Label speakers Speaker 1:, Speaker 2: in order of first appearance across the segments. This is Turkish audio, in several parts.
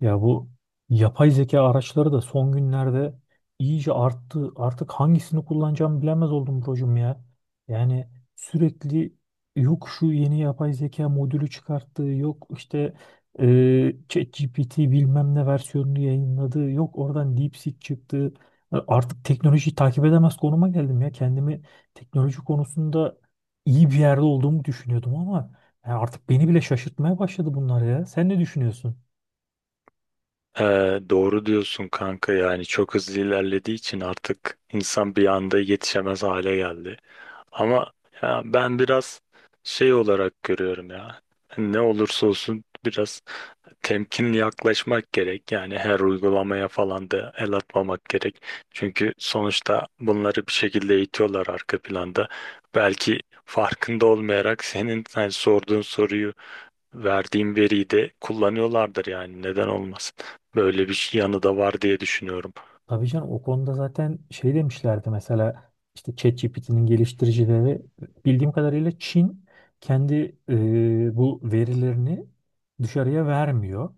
Speaker 1: Ya bu yapay zeka araçları da son günlerde iyice arttı. Artık hangisini kullanacağımı bilemez oldum brocum ya. Yani sürekli yok şu yeni yapay zeka modülü çıkarttı, yok işte ChatGPT bilmem ne versiyonunu yayınladı, yok oradan DeepSeek çıktı. Artık teknolojiyi takip edemez konuma geldim ya. Kendimi teknoloji konusunda iyi bir yerde olduğumu düşünüyordum ama yani artık beni bile şaşırtmaya başladı bunlar ya. Sen ne düşünüyorsun?
Speaker 2: Doğru diyorsun kanka, yani çok hızlı ilerlediği için artık insan bir anda yetişemez hale geldi. Ama ya, ben biraz şey olarak görüyorum ya, ne olursa olsun biraz temkinli yaklaşmak gerek. Yani her uygulamaya falan da el atmamak gerek. Çünkü sonuçta bunları bir şekilde eğitiyorlar arka planda. Belki farkında olmayarak senin hani sorduğun soruyu, verdiğim veriyi de kullanıyorlardır, yani neden olmasın. Böyle bir şey yanı da var diye düşünüyorum.
Speaker 1: Tabii canım o konuda zaten şey demişlerdi mesela işte ChatGPT'nin geliştiricileri bildiğim kadarıyla Çin kendi bu verilerini dışarıya vermiyor.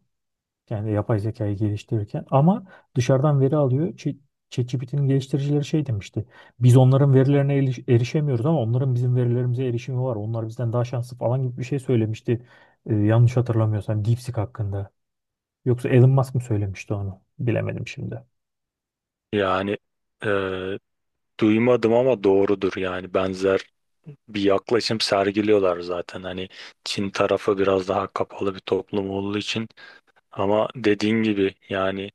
Speaker 1: Yani yapay zekayı geliştirirken ama dışarıdan veri alıyor. ChatGPT'nin geliştiricileri şey demişti. Biz onların verilerine erişemiyoruz ama onların bizim verilerimize erişimi var. Onlar bizden daha şanslı falan gibi bir şey söylemişti. Yanlış hatırlamıyorsam DeepSeek hakkında. Yoksa Elon Musk mı söylemişti onu? Bilemedim şimdi.
Speaker 2: Yani e, duymadım ama doğrudur, yani benzer bir yaklaşım sergiliyorlar zaten. Hani Çin tarafı biraz daha kapalı bir toplum olduğu için, ama dediğin gibi yani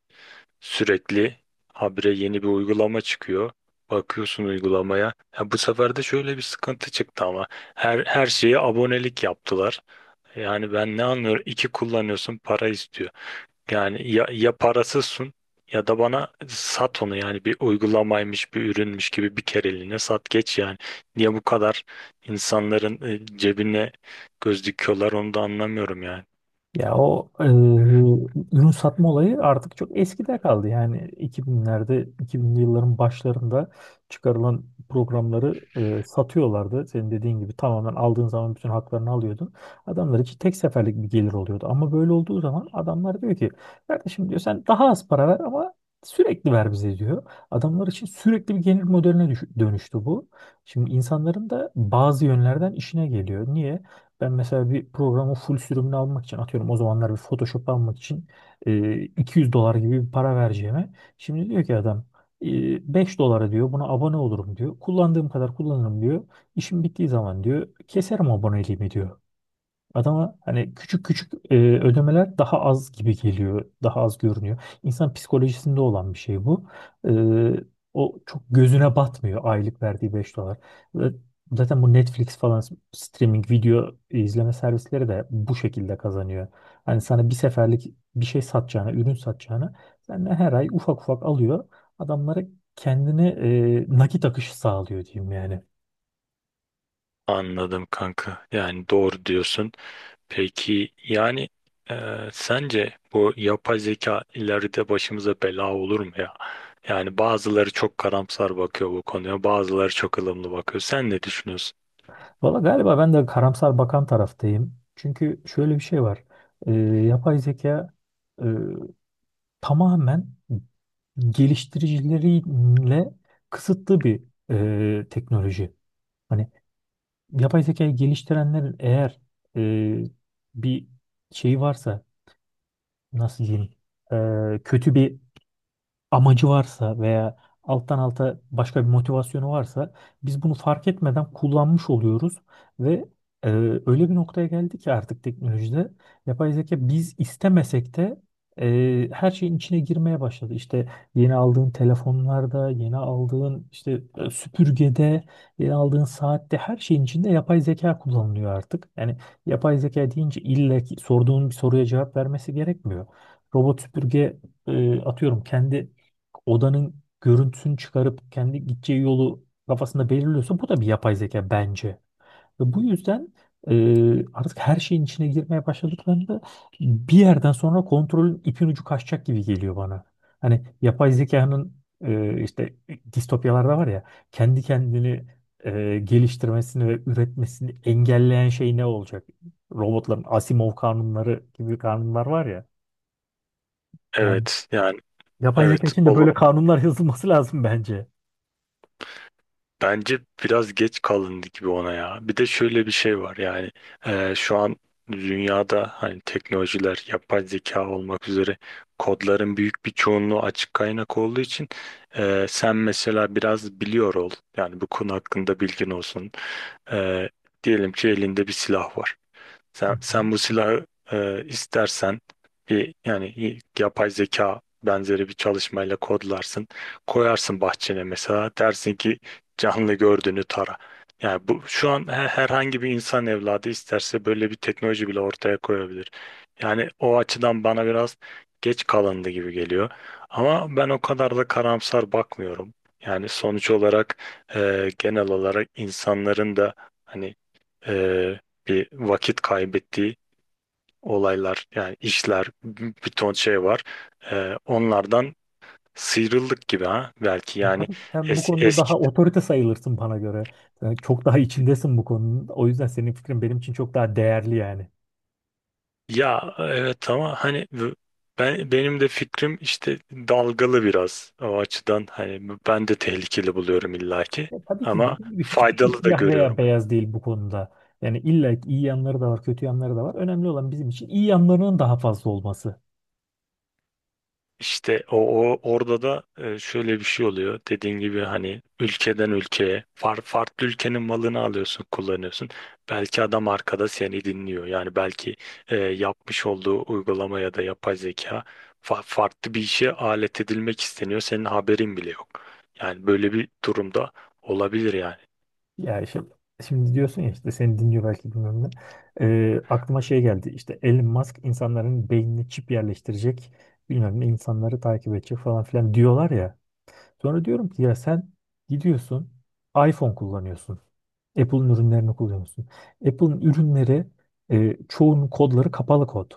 Speaker 2: sürekli habire yeni bir uygulama çıkıyor. Bakıyorsun uygulamaya. Ya bu sefer de şöyle bir sıkıntı çıktı, ama her şeye abonelik yaptılar. Yani ben ne anlıyorum? İki kullanıyorsun, para istiyor. Yani ya, ya parasızsın, ya da bana sat onu, yani bir uygulamaymış bir ürünmüş gibi bir kereliğine sat geç yani. Niye bu kadar insanların cebine göz dikiyorlar onu da anlamıyorum yani.
Speaker 1: Ya o ürün satma olayı artık çok eskide kaldı. Yani 2000'lerde, 2000'li yılların başlarında çıkarılan programları satıyorlardı. Senin dediğin gibi tamamen aldığın zaman bütün haklarını alıyordun. Adamlar için tek seferlik bir gelir oluyordu. Ama böyle olduğu zaman adamlar diyor ki kardeşim diyor sen daha az para ver ama sürekli ver bize diyor. Adamlar için sürekli bir gelir modeline dönüştü bu. Şimdi insanların da bazı yönlerden işine geliyor. Niye? Ben mesela bir programın full sürümünü almak için atıyorum o zamanlar bir Photoshop almak için 200 dolar gibi bir para vereceğime. Şimdi diyor ki adam 5 dolara diyor buna abone olurum diyor. Kullandığım kadar kullanırım diyor. İşim bittiği zaman diyor keserim aboneliğimi diyor. Adama hani küçük küçük ödemeler daha az gibi geliyor, daha az görünüyor. İnsan psikolojisinde olan bir şey bu. E, O çok gözüne batmıyor aylık verdiği 5 dolar. Ve zaten bu Netflix falan streaming video izleme servisleri de bu şekilde kazanıyor. Hani sana bir seferlik bir şey satacağına, ürün satacağına senden her ay ufak ufak alıyor. Adamlara kendine nakit akışı sağlıyor diyeyim yani.
Speaker 2: Anladım kanka. Yani doğru diyorsun. Peki yani, e, sence bu yapay zeka ileride başımıza bela olur mu ya? Yani bazıları çok karamsar bakıyor bu konuya, bazıları çok ılımlı bakıyor. Sen ne düşünüyorsun?
Speaker 1: Valla galiba ben de karamsar bakan taraftayım. Çünkü şöyle bir şey var. Yapay zeka e, tamamen geliştiricileriyle kısıtlı bir teknoloji. Hani yapay zekayı geliştirenlerin eğer e, bir şeyi varsa nasıl diyeyim kötü bir amacı varsa veya alttan alta başka bir motivasyonu varsa biz bunu fark etmeden kullanmış oluyoruz ve e, öyle bir noktaya geldi ki artık teknolojide yapay zeka biz istemesek de her şeyin içine girmeye başladı. İşte yeni aldığın telefonlarda, yeni aldığın işte süpürgede, yeni aldığın saatte her şeyin içinde yapay zeka kullanılıyor artık. Yani yapay zeka deyince illa ki sorduğun bir soruya cevap vermesi gerekmiyor. Robot süpürge atıyorum kendi odanın görüntüsünü çıkarıp kendi gideceği yolu kafasında belirliyorsa bu da bir yapay zeka bence. Ve bu yüzden artık her şeyin içine girmeye başladıklarında bir yerden sonra kontrolün ipin ucu kaçacak gibi geliyor bana. Hani yapay zekanın işte distopyalarda var ya kendi kendini geliştirmesini ve üretmesini engelleyen şey ne olacak? Robotların Asimov kanunları gibi kanunlar var ya. Yani
Speaker 2: Evet, yani
Speaker 1: yapay zeka
Speaker 2: evet,
Speaker 1: için de böyle kanunlar yazılması lazım bence.
Speaker 2: bence biraz geç kalındı gibi ona ya. Bir de şöyle bir şey var yani, şu an dünyada hani teknolojiler, yapay zeka olmak üzere kodların büyük bir çoğunluğu açık kaynak olduğu için, sen mesela biraz biliyor ol. Yani bu konu hakkında bilgin olsun. E, Diyelim ki elinde bir silah var.
Speaker 1: Hı
Speaker 2: Sen,
Speaker 1: hı.
Speaker 2: sen bu silahı, istersen bir, yani yapay zeka benzeri bir çalışmayla kodlarsın. Koyarsın bahçene, mesela dersin ki canlı gördüğünü tara. Yani bu şu an, herhangi bir insan evladı isterse böyle bir teknoloji bile ortaya koyabilir. Yani o açıdan bana biraz geç kalındı gibi geliyor. Ama ben o kadar da karamsar bakmıyorum. Yani sonuç olarak genel olarak insanların da hani, e, bir vakit kaybettiği olaylar, yani işler, bir ton şey var. Onlardan sıyrıldık gibi ha, belki
Speaker 1: Ya
Speaker 2: yani
Speaker 1: tabii ki sen bu konuda
Speaker 2: eski,
Speaker 1: daha otorite sayılırsın bana göre. Sen çok daha içindesin bu konunun. O yüzden senin fikrin benim için çok daha değerli yani.
Speaker 2: ya evet, ama hani ben, benim de fikrim işte dalgalı biraz o açıdan, hani ben de tehlikeli buluyorum illaki,
Speaker 1: Ya tabii ki
Speaker 2: ama
Speaker 1: dediğim gibi hiçbir şey
Speaker 2: faydalı da
Speaker 1: siyah veya
Speaker 2: görüyorum.
Speaker 1: beyaz değil bu konuda. Yani illa ki iyi yanları da var, kötü yanları da var. Önemli olan bizim için iyi yanlarının daha fazla olması.
Speaker 2: İşte o orada da şöyle bir şey oluyor. Dediğin gibi hani ülkeden ülkeye, farklı ülkenin malını alıyorsun, kullanıyorsun. Belki adam arkada seni dinliyor. Yani belki yapmış olduğu uygulama ya da yapay zeka farklı bir işe alet edilmek isteniyor. Senin haberin bile yok. Yani böyle bir durumda olabilir yani.
Speaker 1: Ya işte, şimdi diyorsun ya işte seni dinliyor belki bilmem ne. Aklıma şey geldi. İşte Elon Musk insanların beynine çip yerleştirecek. Bilmem ne insanları takip edecek falan filan diyorlar ya. Sonra diyorum ki ya sen gidiyorsun iPhone kullanıyorsun. Apple'ın ürünlerini kullanıyorsun. Apple'ın ürünleri çoğunun kodları kapalı kod.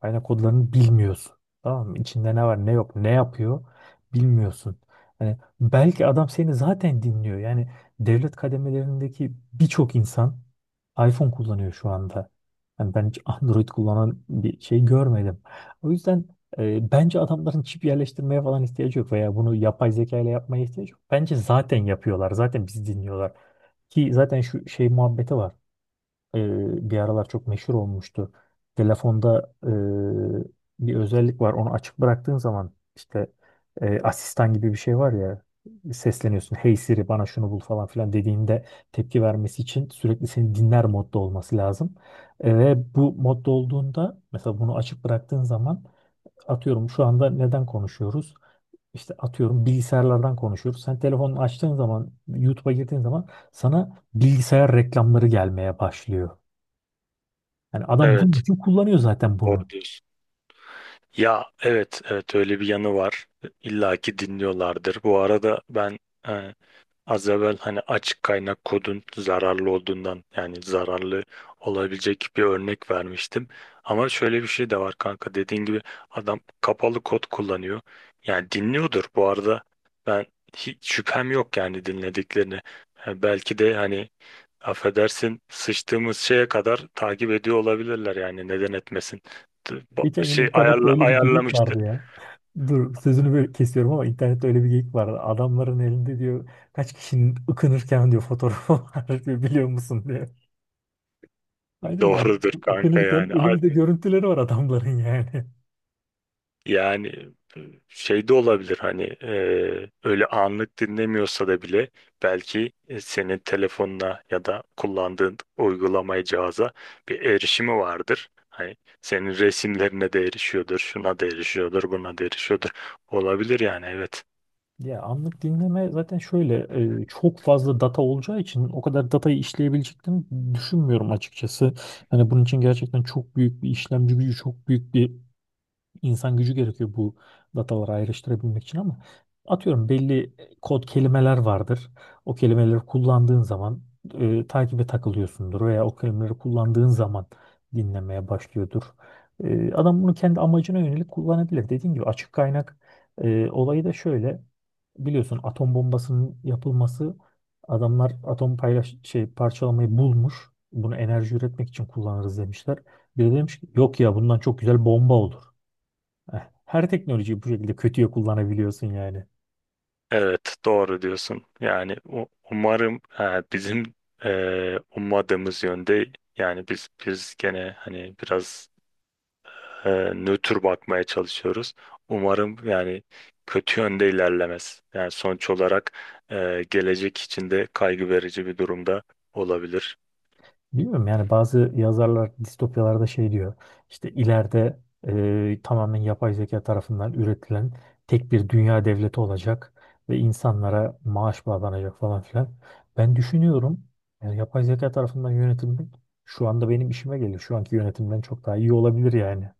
Speaker 1: Kaynak kodlarını bilmiyorsun. Tamam mı? İçinde ne var ne yok ne yapıyor bilmiyorsun. Yani belki adam seni zaten dinliyor. Yani devlet kademelerindeki birçok insan iPhone kullanıyor şu anda. Yani ben hiç Android kullanan bir şey görmedim. O yüzden bence adamların çip yerleştirmeye falan ihtiyacı yok veya bunu yapay zeka ile yapmaya ihtiyacı yok. Bence zaten yapıyorlar. Zaten bizi dinliyorlar. Ki zaten şu şey muhabbeti var. E, Bir aralar çok meşhur olmuştu. Telefonda bir özellik var. Onu açık bıraktığın zaman işte asistan gibi bir şey var ya sesleniyorsun. Hey Siri bana şunu bul falan filan dediğinde tepki vermesi için sürekli seni dinler modda olması lazım. Ve bu modda olduğunda mesela bunu açık bıraktığın zaman atıyorum şu anda neden konuşuyoruz? İşte atıyorum bilgisayarlardan konuşuyoruz. Sen telefonunu açtığın zaman, YouTube'a girdiğin zaman sana bilgisayar reklamları gelmeye başlıyor. Yani adam bunun
Speaker 2: Evet,
Speaker 1: için kullanıyor zaten bunu.
Speaker 2: doğru diyorsun. Ya evet, evet, öyle bir yanı var. İlla ki dinliyorlardır. Bu arada ben, e, az evvel hani açık kaynak kodun zararlı olduğundan, yani zararlı olabilecek bir örnek vermiştim. Ama şöyle bir şey de var kanka, dediğin gibi adam kapalı kod kullanıyor. Yani dinliyordur, bu arada ben hiç şüphem yok yani dinlediklerini. Yani belki de hani, affedersin, sıçtığımız şeye kadar takip ediyor olabilirler, yani neden etmesin. Bu
Speaker 1: Geçen gün
Speaker 2: şey
Speaker 1: internette
Speaker 2: ayarla,
Speaker 1: öyle bir geyik
Speaker 2: ayarlamıştır.
Speaker 1: vardı ya. Dur sözünü böyle kesiyorum ama internette öyle bir geyik vardı. Adamların elinde diyor kaç kişinin ıkınırken diyor fotoğrafı var diyor biliyor musun diyor. Aynen adam
Speaker 2: Doğrudur kanka
Speaker 1: ıkınırken
Speaker 2: yani.
Speaker 1: elimizde görüntüleri var adamların yani.
Speaker 2: Yani e, şey de olabilir hani, öyle anlık dinlemiyorsa da bile, belki senin telefonuna ya da kullandığın uygulamaya, cihaza bir erişimi vardır. Hani senin resimlerine de erişiyordur, şuna da erişiyordur, buna da erişiyordur. Olabilir yani, evet.
Speaker 1: Ya anlık dinleme zaten şöyle çok fazla data olacağı için o kadar datayı işleyebileceklerini düşünmüyorum açıkçası. Hani bunun için gerçekten çok büyük bir işlemci gücü, çok büyük bir insan gücü gerekiyor bu dataları ayrıştırabilmek için ama atıyorum belli kod kelimeler vardır. O kelimeleri kullandığın zaman takibe takılıyorsundur veya o kelimeleri kullandığın zaman dinlemeye başlıyordur. Adam bunu kendi amacına yönelik kullanabilir. Dediğim gibi açık kaynak olayı da şöyle biliyorsun atom bombasının yapılması adamlar atom paylaş şey parçalamayı bulmuş. Bunu enerji üretmek için kullanırız demişler. Biri demiş ki yok ya bundan çok güzel bomba olur. Her teknolojiyi bu şekilde kötüye kullanabiliyorsun yani.
Speaker 2: Evet, doğru diyorsun. Yani umarım bizim ummadığımız yönde, yani biz gene hani biraz nötr bakmaya çalışıyoruz. Umarım yani kötü yönde ilerlemez. Yani sonuç olarak gelecek için de kaygı verici bir durumda olabilir.
Speaker 1: Bilmiyorum yani bazı yazarlar distopyalarda şey diyor. İşte ileride tamamen yapay zeka tarafından üretilen tek bir dünya devleti olacak ve insanlara maaş bağlanacak falan filan. Ben düşünüyorum yani yapay zeka tarafından yönetilmek şu anda benim işime geliyor. Şu anki yönetimden çok daha iyi olabilir yani.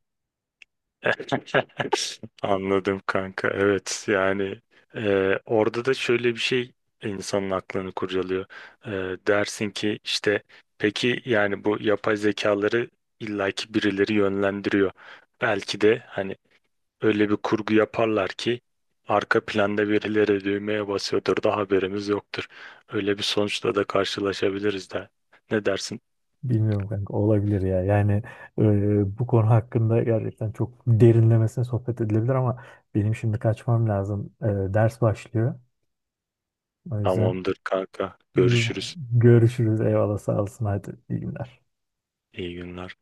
Speaker 2: Anladım kanka. Evet yani orada da şöyle bir şey insanın aklını kurcalıyor. E, Dersin ki, işte peki yani bu yapay zekaları illaki birileri yönlendiriyor. Belki de hani öyle bir kurgu yaparlar ki arka planda birileri düğmeye basıyordur da haberimiz yoktur. Öyle bir sonuçla da karşılaşabiliriz de. Ne dersin?
Speaker 1: Bilmiyorum kanka olabilir ya. Yani bu konu hakkında gerçekten çok derinlemesine sohbet edilebilir ama benim şimdi kaçmam lazım. Ders başlıyor. O yüzden
Speaker 2: Tamamdır kanka. Görüşürüz.
Speaker 1: görüşürüz. Eyvallah sağ olsun. Hadi iyi günler.
Speaker 2: İyi günler.